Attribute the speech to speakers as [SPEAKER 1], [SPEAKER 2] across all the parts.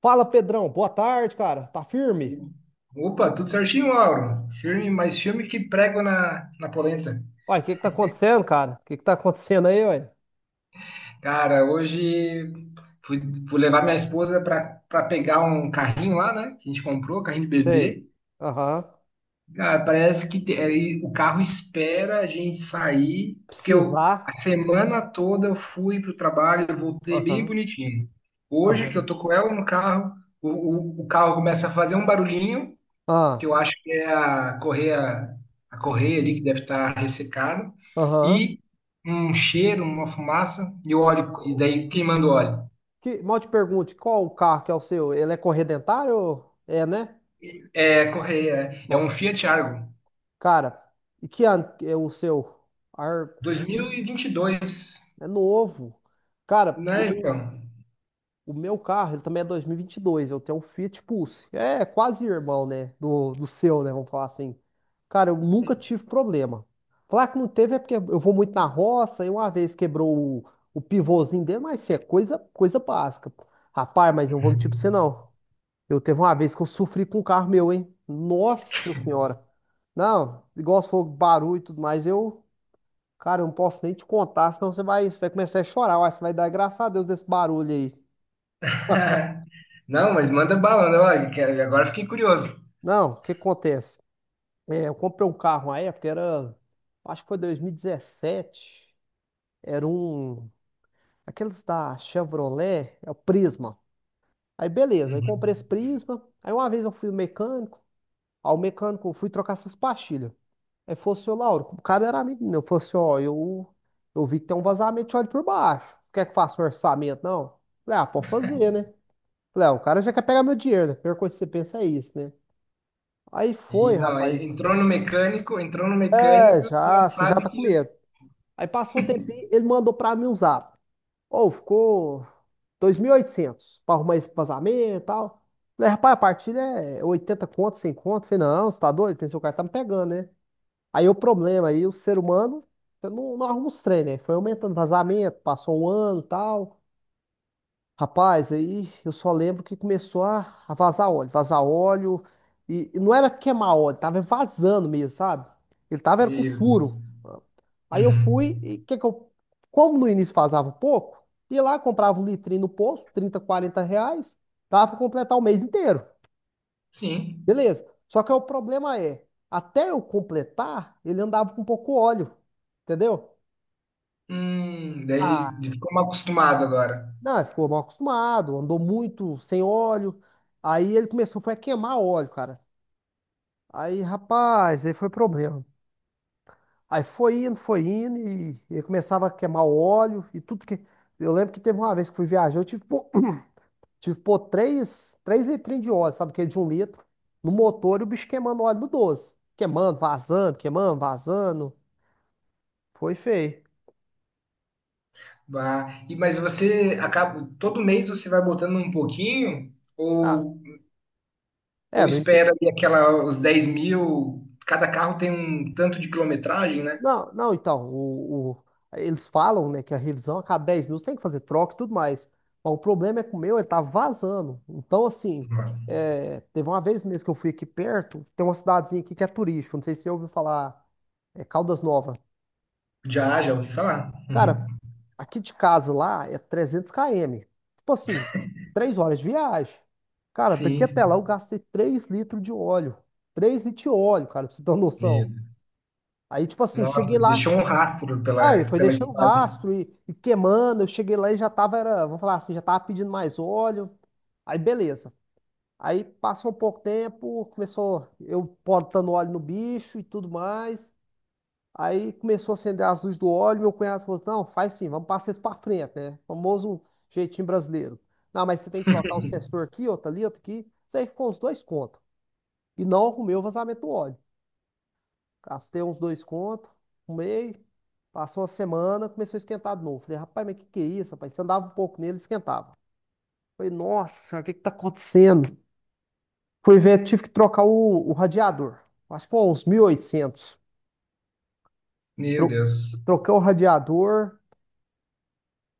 [SPEAKER 1] Fala, Pedrão. Boa tarde, cara. Tá firme?
[SPEAKER 2] Opa, tudo certinho, Lauro? Firme, mais firme que prego na polenta.
[SPEAKER 1] Uai, o que que tá acontecendo, cara? O que que tá acontecendo aí, uai?
[SPEAKER 2] Cara, hoje fui, fui levar minha esposa pra pegar um carrinho lá, né? Que a gente comprou, carrinho de
[SPEAKER 1] Sei.
[SPEAKER 2] bebê.
[SPEAKER 1] Aham.
[SPEAKER 2] Cara, parece que aí o carro espera a gente sair, porque eu,
[SPEAKER 1] Precisar.
[SPEAKER 2] a semana toda eu fui pro trabalho, e voltei bem
[SPEAKER 1] Aham.
[SPEAKER 2] bonitinho. Hoje que eu
[SPEAKER 1] Aham.
[SPEAKER 2] tô com ela no carro, o carro começa a fazer um barulhinho. Que
[SPEAKER 1] Ah,
[SPEAKER 2] eu acho que é a correia ali que deve estar ressecada,
[SPEAKER 1] aham.
[SPEAKER 2] e um cheiro, uma fumaça e o óleo, e
[SPEAKER 1] O
[SPEAKER 2] daí queimando o óleo.
[SPEAKER 1] Que, mal te pergunte, qual o carro que é o seu? Ele é corredentário? É, né?
[SPEAKER 2] É a correia, é um
[SPEAKER 1] Nossa,
[SPEAKER 2] Fiat Argo,
[SPEAKER 1] cara. E que ano que é o seu? Ar...
[SPEAKER 2] 2022,
[SPEAKER 1] É novo. Cara,
[SPEAKER 2] né,
[SPEAKER 1] eu.
[SPEAKER 2] então?
[SPEAKER 1] O meu carro, ele também é 2022. Eu tenho um Fiat Pulse. É quase irmão, né? Do seu, né? Vamos falar assim. Cara, eu nunca tive problema. Falar que não teve é porque eu vou muito na roça e uma vez quebrou o, o pivôzinho dele, mas isso é coisa, coisa básica. Rapaz, mas eu não vou mentir pra você, não. Eu teve uma vez que eu sofri com um carro meu, hein? Nossa senhora. Não, igual você falou barulho e tudo mais, eu, cara, eu não posso nem te contar, senão você vai começar a chorar. Uai, você vai dar graças a Deus desse barulho aí.
[SPEAKER 2] Não, mas manda bala, né? Olha, agora fiquei curioso.
[SPEAKER 1] Não, o que acontece? É, eu comprei um carro na época, era, acho que foi 2017. Era um, aqueles da Chevrolet, é o Prisma. Aí beleza, aí comprei esse
[SPEAKER 2] Uhum.
[SPEAKER 1] Prisma. Aí uma vez eu fui no mecânico, ao mecânico eu fui trocar essas pastilhas. Aí falou assim, ô Lauro, o cara era amigo meu, falou assim, ó, eu vi que tem um vazamento de óleo por baixo. Quer que eu faça um orçamento, não? Falei, ah, pode fazer, né? Falei, ah, o cara já quer pegar meu dinheiro, né? A pior coisa que você pensa é isso, né? Aí
[SPEAKER 2] E
[SPEAKER 1] foi,
[SPEAKER 2] não, aí
[SPEAKER 1] rapaz.
[SPEAKER 2] entrou no
[SPEAKER 1] É,
[SPEAKER 2] mecânico, não
[SPEAKER 1] já, você já
[SPEAKER 2] sabe
[SPEAKER 1] tá com
[SPEAKER 2] que isso.
[SPEAKER 1] medo. Aí passou um tempinho, ele mandou pra mim um zap. Ou ficou 2.800 pra arrumar esse vazamento e tal. Falei, rapaz, a partilha é 80 conto, 100 conto. Falei, não, você tá doido? Pensei, o cara tá me pegando, né? Aí o problema, aí o ser humano, eu não, não arruma os trem, né? Foi aumentando vazamento, passou um ano e tal. Rapaz, aí eu só lembro que começou a vazar óleo, vazar óleo. E não era queimar óleo, tava vazando mesmo, sabe? Ele tava era com
[SPEAKER 2] Meu
[SPEAKER 1] furo.
[SPEAKER 2] Deus.
[SPEAKER 1] Aí eu fui,
[SPEAKER 2] Uhum.
[SPEAKER 1] e que eu, como no início fazava pouco, ia lá, comprava um litrinho no posto, 30, 40 reais, dava para completar o mês inteiro.
[SPEAKER 2] Sim.
[SPEAKER 1] Beleza. Só que o problema é, até eu completar, ele andava com pouco óleo, entendeu?
[SPEAKER 2] Daí ele
[SPEAKER 1] Ah,
[SPEAKER 2] ficou mal acostumado agora.
[SPEAKER 1] não, ele ficou mal acostumado, andou muito sem óleo. Aí ele começou, foi a queimar óleo, cara. Aí, rapaz, aí foi problema. Aí foi indo, e ele começava a queimar o óleo e tudo que. Eu lembro que teve uma vez que fui viajar, eu tive. Pô Tive que pôr três litrinhos de óleo, sabe, que é de um litro, no motor e o bicho queimando óleo do doze. Queimando, vazando, queimando, vazando. Foi feio.
[SPEAKER 2] Bah, e mas você acaba todo mês você vai botando um pouquinho,
[SPEAKER 1] Ah, é,
[SPEAKER 2] ou
[SPEAKER 1] no início.
[SPEAKER 2] espera ali aquela os 10.000? Cada carro tem um tanto de quilometragem, né?
[SPEAKER 1] Não, não, então, eles falam, né, que a revisão a cada 10 minutos tem que fazer troca e tudo mais. Mas o problema é que o meu, ele tava vazando. Então, assim, é, teve uma vez mesmo que eu fui aqui perto, tem uma cidadezinha aqui que é turística, não sei se você ouviu falar, é Caldas Novas.
[SPEAKER 2] Já, já ouvi falar. Uhum.
[SPEAKER 1] Cara, aqui de casa lá é 300 km. Tipo assim, 3 horas de viagem. Cara, daqui
[SPEAKER 2] Sim,
[SPEAKER 1] até lá
[SPEAKER 2] sim.
[SPEAKER 1] eu gastei 3 litros de óleo. Três litros de óleo, cara, pra você ter uma noção.
[SPEAKER 2] Meu Deus.
[SPEAKER 1] Aí, tipo assim,
[SPEAKER 2] Nossa,
[SPEAKER 1] cheguei lá.
[SPEAKER 2] deixou um rastro
[SPEAKER 1] Aí
[SPEAKER 2] pela,
[SPEAKER 1] foi
[SPEAKER 2] pela
[SPEAKER 1] deixando
[SPEAKER 2] estrada.
[SPEAKER 1] rastro e queimando. Eu cheguei lá e já tava, era, vamos falar assim, já tava pedindo mais óleo. Aí, beleza. Aí passou um pouco tempo, começou eu botando óleo no bicho e tudo mais. Aí começou a acender as luzes do óleo. Meu cunhado falou: não, faz sim, vamos passar isso pra frente, né? Famoso jeitinho brasileiro. Não, mas você tem que trocar o sensor aqui, outro ali, outro aqui. Isso aí ficou uns dois contos. E não arrumei o vazamento do óleo. Gastei uns dois contos, arrumei. Passou uma semana, começou a esquentar de novo. Falei: rapaz, mas o que que é isso, rapaz? Você andava um pouco nele, esquentava. Falei: nossa senhora, o que que tá acontecendo? Fui ver, tive que trocar o radiador. Acho que foi uns 1.800.
[SPEAKER 2] Meu
[SPEAKER 1] Tro-
[SPEAKER 2] Deus,
[SPEAKER 1] Troquei o radiador,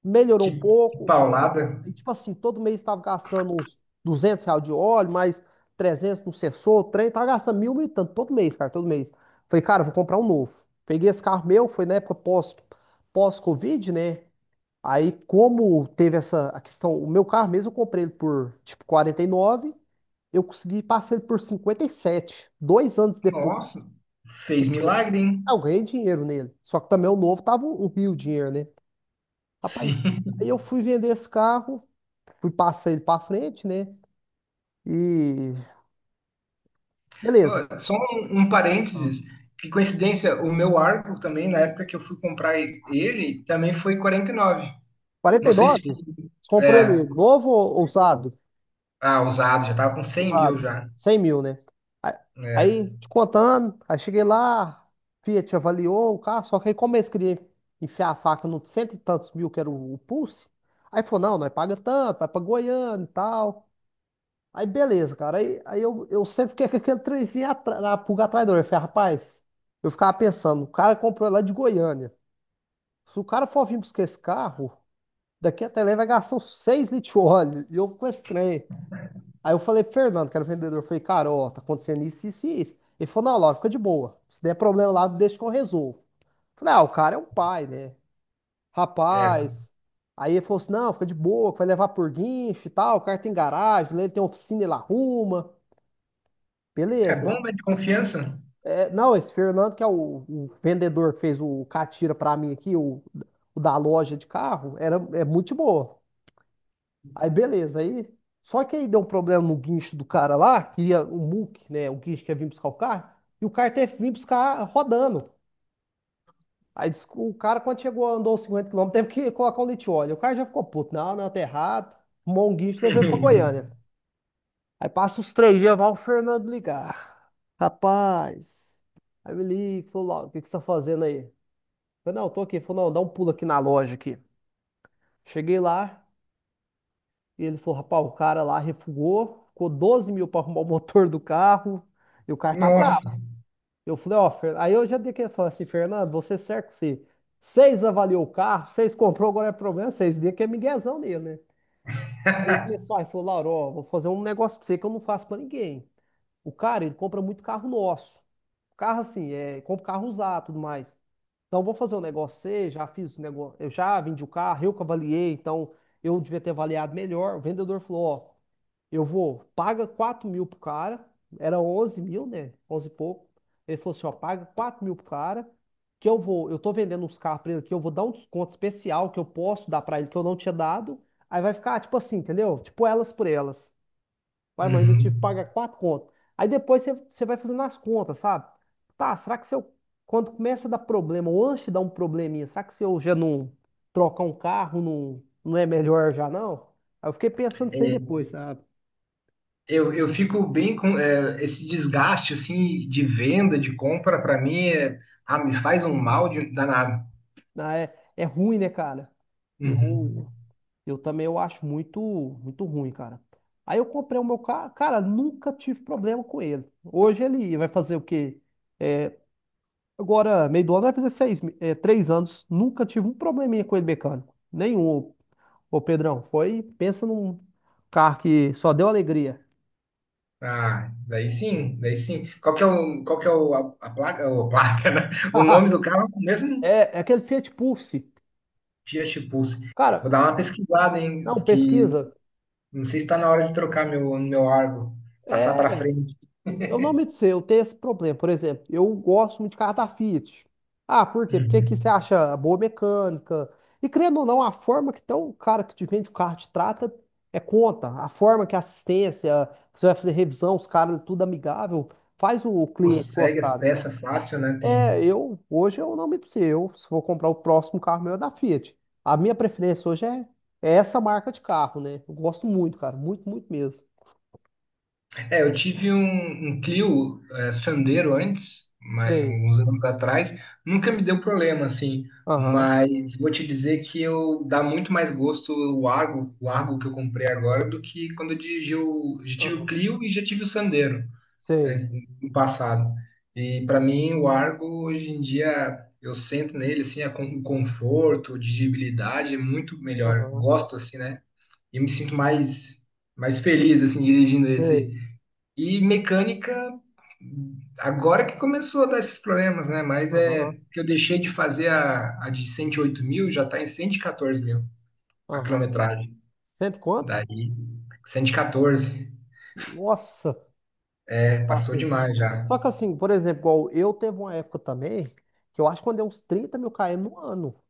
[SPEAKER 1] melhorou um
[SPEAKER 2] que
[SPEAKER 1] pouco.
[SPEAKER 2] paulada.
[SPEAKER 1] E tipo assim, todo mês estava gastando uns 200 reais de óleo, mais 300 no sensor, o trem, tava gastando mil, mil e tanto, todo mês, cara, todo mês. Falei, cara, eu vou comprar um novo. Peguei esse carro meu, foi na época pós-Covid, né? Aí, como teve essa a questão, o meu carro mesmo, eu comprei ele por, tipo, 49. Eu consegui passar ele por 57 2 anos depois.
[SPEAKER 2] Nossa, fez milagre, hein?
[SPEAKER 1] Ah, eu ganhei dinheiro nele, só que também o novo tava um rio de dinheiro, né? Rapaz,
[SPEAKER 2] Sim.
[SPEAKER 1] aí eu fui vender esse carro, fui passar ele pra frente, né? E beleza.
[SPEAKER 2] Ó, só um
[SPEAKER 1] Ah.
[SPEAKER 2] parênteses, que coincidência, o meu Argo também, na época que eu fui ele, também foi 49. Não sei se...
[SPEAKER 1] 49? Você comprou ele
[SPEAKER 2] É,
[SPEAKER 1] novo ou usado?
[SPEAKER 2] ah, usado, já tava com 100 mil
[SPEAKER 1] Usado.
[SPEAKER 2] já.
[SPEAKER 1] 100 mil, né? A-
[SPEAKER 2] É,
[SPEAKER 1] Aí, te contando, aí cheguei lá, Fiat avaliou o carro, só que aí como eles queriam enfiar a faca no cento e tantos mil que era o Pulse, aí falou, não, nós paga tanto, vai pra Goiânia e tal. Aí beleza, cara. Aí eu sempre fiquei com aquele trenzinho na pulga atrás da orelha. Eu falei, rapaz, eu ficava pensando, o cara comprou lá de Goiânia. Se o cara for vir buscar esse carro, daqui até lá ele vai gastar uns 6 litros de óleo. E eu com esse trem. Aí eu falei pro Fernando, que era o vendedor, eu falei, cara, ó, tá acontecendo isso, isso e isso. Ele falou, não, Laura, fica de boa. Se der problema lá, deixa que eu resolvo. Eu falei, ah, o cara é um pai, né?
[SPEAKER 2] é,
[SPEAKER 1] Rapaz. Aí ele falou assim, não, fica de boa, que vai levar por guincho e tal, o cara tem garagem, lá ele tem oficina, ele arruma.
[SPEAKER 2] é
[SPEAKER 1] Beleza.
[SPEAKER 2] bomba de confiança?
[SPEAKER 1] É, não, esse Fernando, que é o vendedor que fez o catira pra mim aqui, o da loja de carro, era, é muito de boa. Aí beleza, aí. Só que aí deu um problema no guincho do cara lá, que ia, o muque, né? O guincho que ia vir buscar o carro, e o carro teve que vir buscar rodando. Aí disse que o cara, quando chegou, andou 50 quilômetros, teve que colocar um litióleo. O cara já ficou puto. Não, não, tá errado. Arrumou um guincho e levou ele pra Goiânia. Aí passa os 3 dias, vai o Fernando ligar. Rapaz. Aí me liga, falou, Lauro, o que que você tá fazendo aí? Eu falei, não, eu tô aqui. Ele falou, não, dá um pulo aqui na loja aqui. Cheguei lá, e ele falou, rapaz, o cara lá refugou, ficou 12 mil para arrumar o motor do carro, e o cara tá bravo.
[SPEAKER 2] Nossa.
[SPEAKER 1] Eu falei, ó, aí eu já dei que falar assim, Fernando, você certo que você, vocês avaliou o carro, vocês comprou, agora é problema, vocês dê que é miguezão dele, né? Aí ele começou, aí falou, Lauro, ó, vou fazer um negócio pra você que eu não faço pra ninguém. O cara, ele compra muito carro nosso. Carro assim, é, compra carro usado, tudo mais. Então, vou fazer o negócio C, já fiz o negócio, eu já vendi o carro, eu que avaliei, então eu devia ter avaliado melhor. O vendedor falou, ó, eu vou, paga 4 mil pro cara, era 11 mil, né? 11 e pouco. Ele falou assim, ó, paga 4 mil pro cara, que eu vou, eu tô vendendo uns carros pra ele aqui, eu vou dar um desconto especial que eu posso dar pra ele, que eu não tinha dado. Aí vai ficar, tipo assim, entendeu? Tipo elas por elas. Vai, mas ainda tive que
[SPEAKER 2] Uhum.
[SPEAKER 1] pagar quatro contas. Aí depois você vai fazendo as contas, sabe? Tá, será que se eu, quando começa a dar problema, ou antes de dar um probleminha, será que se eu já não trocar um carro, não, não é melhor já não? Aí eu fiquei pensando isso aí
[SPEAKER 2] É,
[SPEAKER 1] depois, sabe?
[SPEAKER 2] eu fico bem com é, esse desgaste assim de venda, de compra, pra mim, é, ah, me faz um mal de, danado.
[SPEAKER 1] Ah, é ruim, né, cara?
[SPEAKER 2] Uhum.
[SPEAKER 1] Eu, eu também eu acho muito, muito ruim, cara. Aí eu comprei o meu carro, cara, nunca tive problema com ele. Hoje ele vai fazer o quê? É, agora, meio do ano vai fazer 3 anos. Nunca tive um probleminha com ele mecânico. Nenhum, ô Pedrão. Pensa num carro que só deu alegria.
[SPEAKER 2] Ah, daí sim, daí sim. Qual que é o, qual que é o, a placa, o, placa, né? O nome do carro é o mesmo
[SPEAKER 1] É aquele Fiat Pulse.
[SPEAKER 2] Fiat Pulse. Vou
[SPEAKER 1] Cara,
[SPEAKER 2] dar uma pesquisada, hein?
[SPEAKER 1] não,
[SPEAKER 2] Que
[SPEAKER 1] pesquisa.
[SPEAKER 2] não sei se está na hora de trocar meu Argo, passar para
[SPEAKER 1] É.
[SPEAKER 2] frente.
[SPEAKER 1] Eu não me sei, eu tenho esse problema. Por exemplo, eu gosto muito de carro da Fiat. Ah, por quê? Porque aqui você
[SPEAKER 2] Uhum.
[SPEAKER 1] acha a boa mecânica. E querendo ou não, a forma que então, o cara que te vende o carro te trata é conta. A forma que a assistência, você vai fazer revisão, os caras, é tudo amigável, faz o cliente
[SPEAKER 2] Consegue as
[SPEAKER 1] gostar.
[SPEAKER 2] peças fácil, né? Tem.
[SPEAKER 1] É, eu, hoje eu não me sei. Eu, se for comprar o próximo carro meu é da Fiat. A minha preferência hoje é essa marca de carro, né? Eu gosto muito, cara, muito, muito mesmo.
[SPEAKER 2] É, eu tive um Clio, é, Sandero antes, mas,
[SPEAKER 1] Sei.
[SPEAKER 2] uns anos atrás, nunca me deu problema, assim,
[SPEAKER 1] Aham,
[SPEAKER 2] mas vou te dizer que eu dá muito mais gosto o Argo que eu comprei agora do que quando eu dirigi o, já tive o
[SPEAKER 1] aham,
[SPEAKER 2] Clio e já tive o Sandero, é,
[SPEAKER 1] sei.
[SPEAKER 2] no passado. E para mim o Argo hoje em dia eu sento nele assim, o conforto, a dirigibilidade é muito melhor.
[SPEAKER 1] Aham,
[SPEAKER 2] Gosto assim, né? E me sinto mais feliz assim dirigindo esse
[SPEAKER 1] sei.
[SPEAKER 2] e mecânica, agora que começou a dar esses problemas, né? Mas é
[SPEAKER 1] Aham,
[SPEAKER 2] que eu deixei de fazer a de 108 mil, já tá em 114 mil a
[SPEAKER 1] aham.
[SPEAKER 2] quilometragem.
[SPEAKER 1] Cento e quanto?
[SPEAKER 2] Daí, 114,
[SPEAKER 1] Nossa, eu
[SPEAKER 2] é, passou
[SPEAKER 1] faço aí.
[SPEAKER 2] demais já.
[SPEAKER 1] Só que assim, por exemplo, igual eu teve uma época também que eu acho que eu andei uns 30 mil km no ano.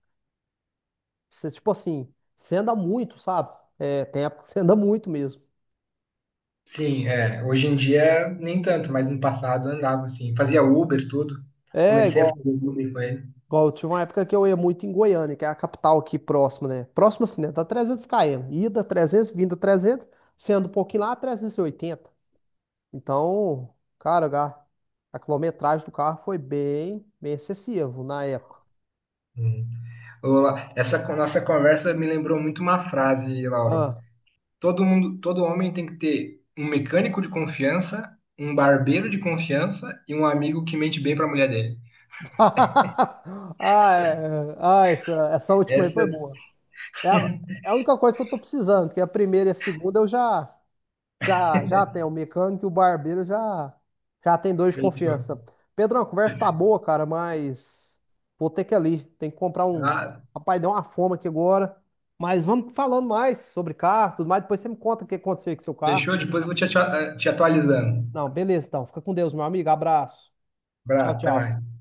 [SPEAKER 1] Você, tipo assim, você anda muito, sabe? É, tem época que você anda muito mesmo.
[SPEAKER 2] Sim, é, hoje em dia nem tanto, mas no passado eu andava assim, fazia Uber, tudo.
[SPEAKER 1] É,
[SPEAKER 2] Comecei a
[SPEAKER 1] igual,
[SPEAKER 2] fazer Uber com ele.
[SPEAKER 1] eu tive uma época que eu ia muito em Goiânia, que é a capital aqui próxima, né? Próxima assim, né? Dá 300 km. Ida 300, vinda 300, sendo um pouquinho lá, 380. Então, cara, a quilometragem do carro foi bem, bem excessivo na época.
[SPEAKER 2] Hum. Ô, nossa conversa me lembrou muito uma frase, Lauro.
[SPEAKER 1] Ah,
[SPEAKER 2] Todo mundo, todo homem tem que ter um mecânico de confiança, um barbeiro de confiança e um amigo que mente bem para a mulher dele.
[SPEAKER 1] ah, é. É. Ah, essa última aí
[SPEAKER 2] Essa
[SPEAKER 1] foi boa. É, a é a única coisa que eu tô precisando, que a primeira e a segunda eu já tenho. O mecânico e o barbeiro já tem dois de
[SPEAKER 2] fechou.
[SPEAKER 1] confiança. Pedrão, a conversa tá boa, cara, mas vou ter que ir ali. Tem que comprar um.
[SPEAKER 2] Ah,
[SPEAKER 1] Rapaz, deu uma fome aqui agora. Mas vamos falando mais sobre carro, tudo mais. Depois você me conta o que aconteceu com seu carro.
[SPEAKER 2] fechou? Depois eu vou te, te atualizando.
[SPEAKER 1] Não, beleza, então. Fica com Deus, meu amigo. Abraço. Tchau,
[SPEAKER 2] Abraço, até
[SPEAKER 1] tchau.
[SPEAKER 2] mais.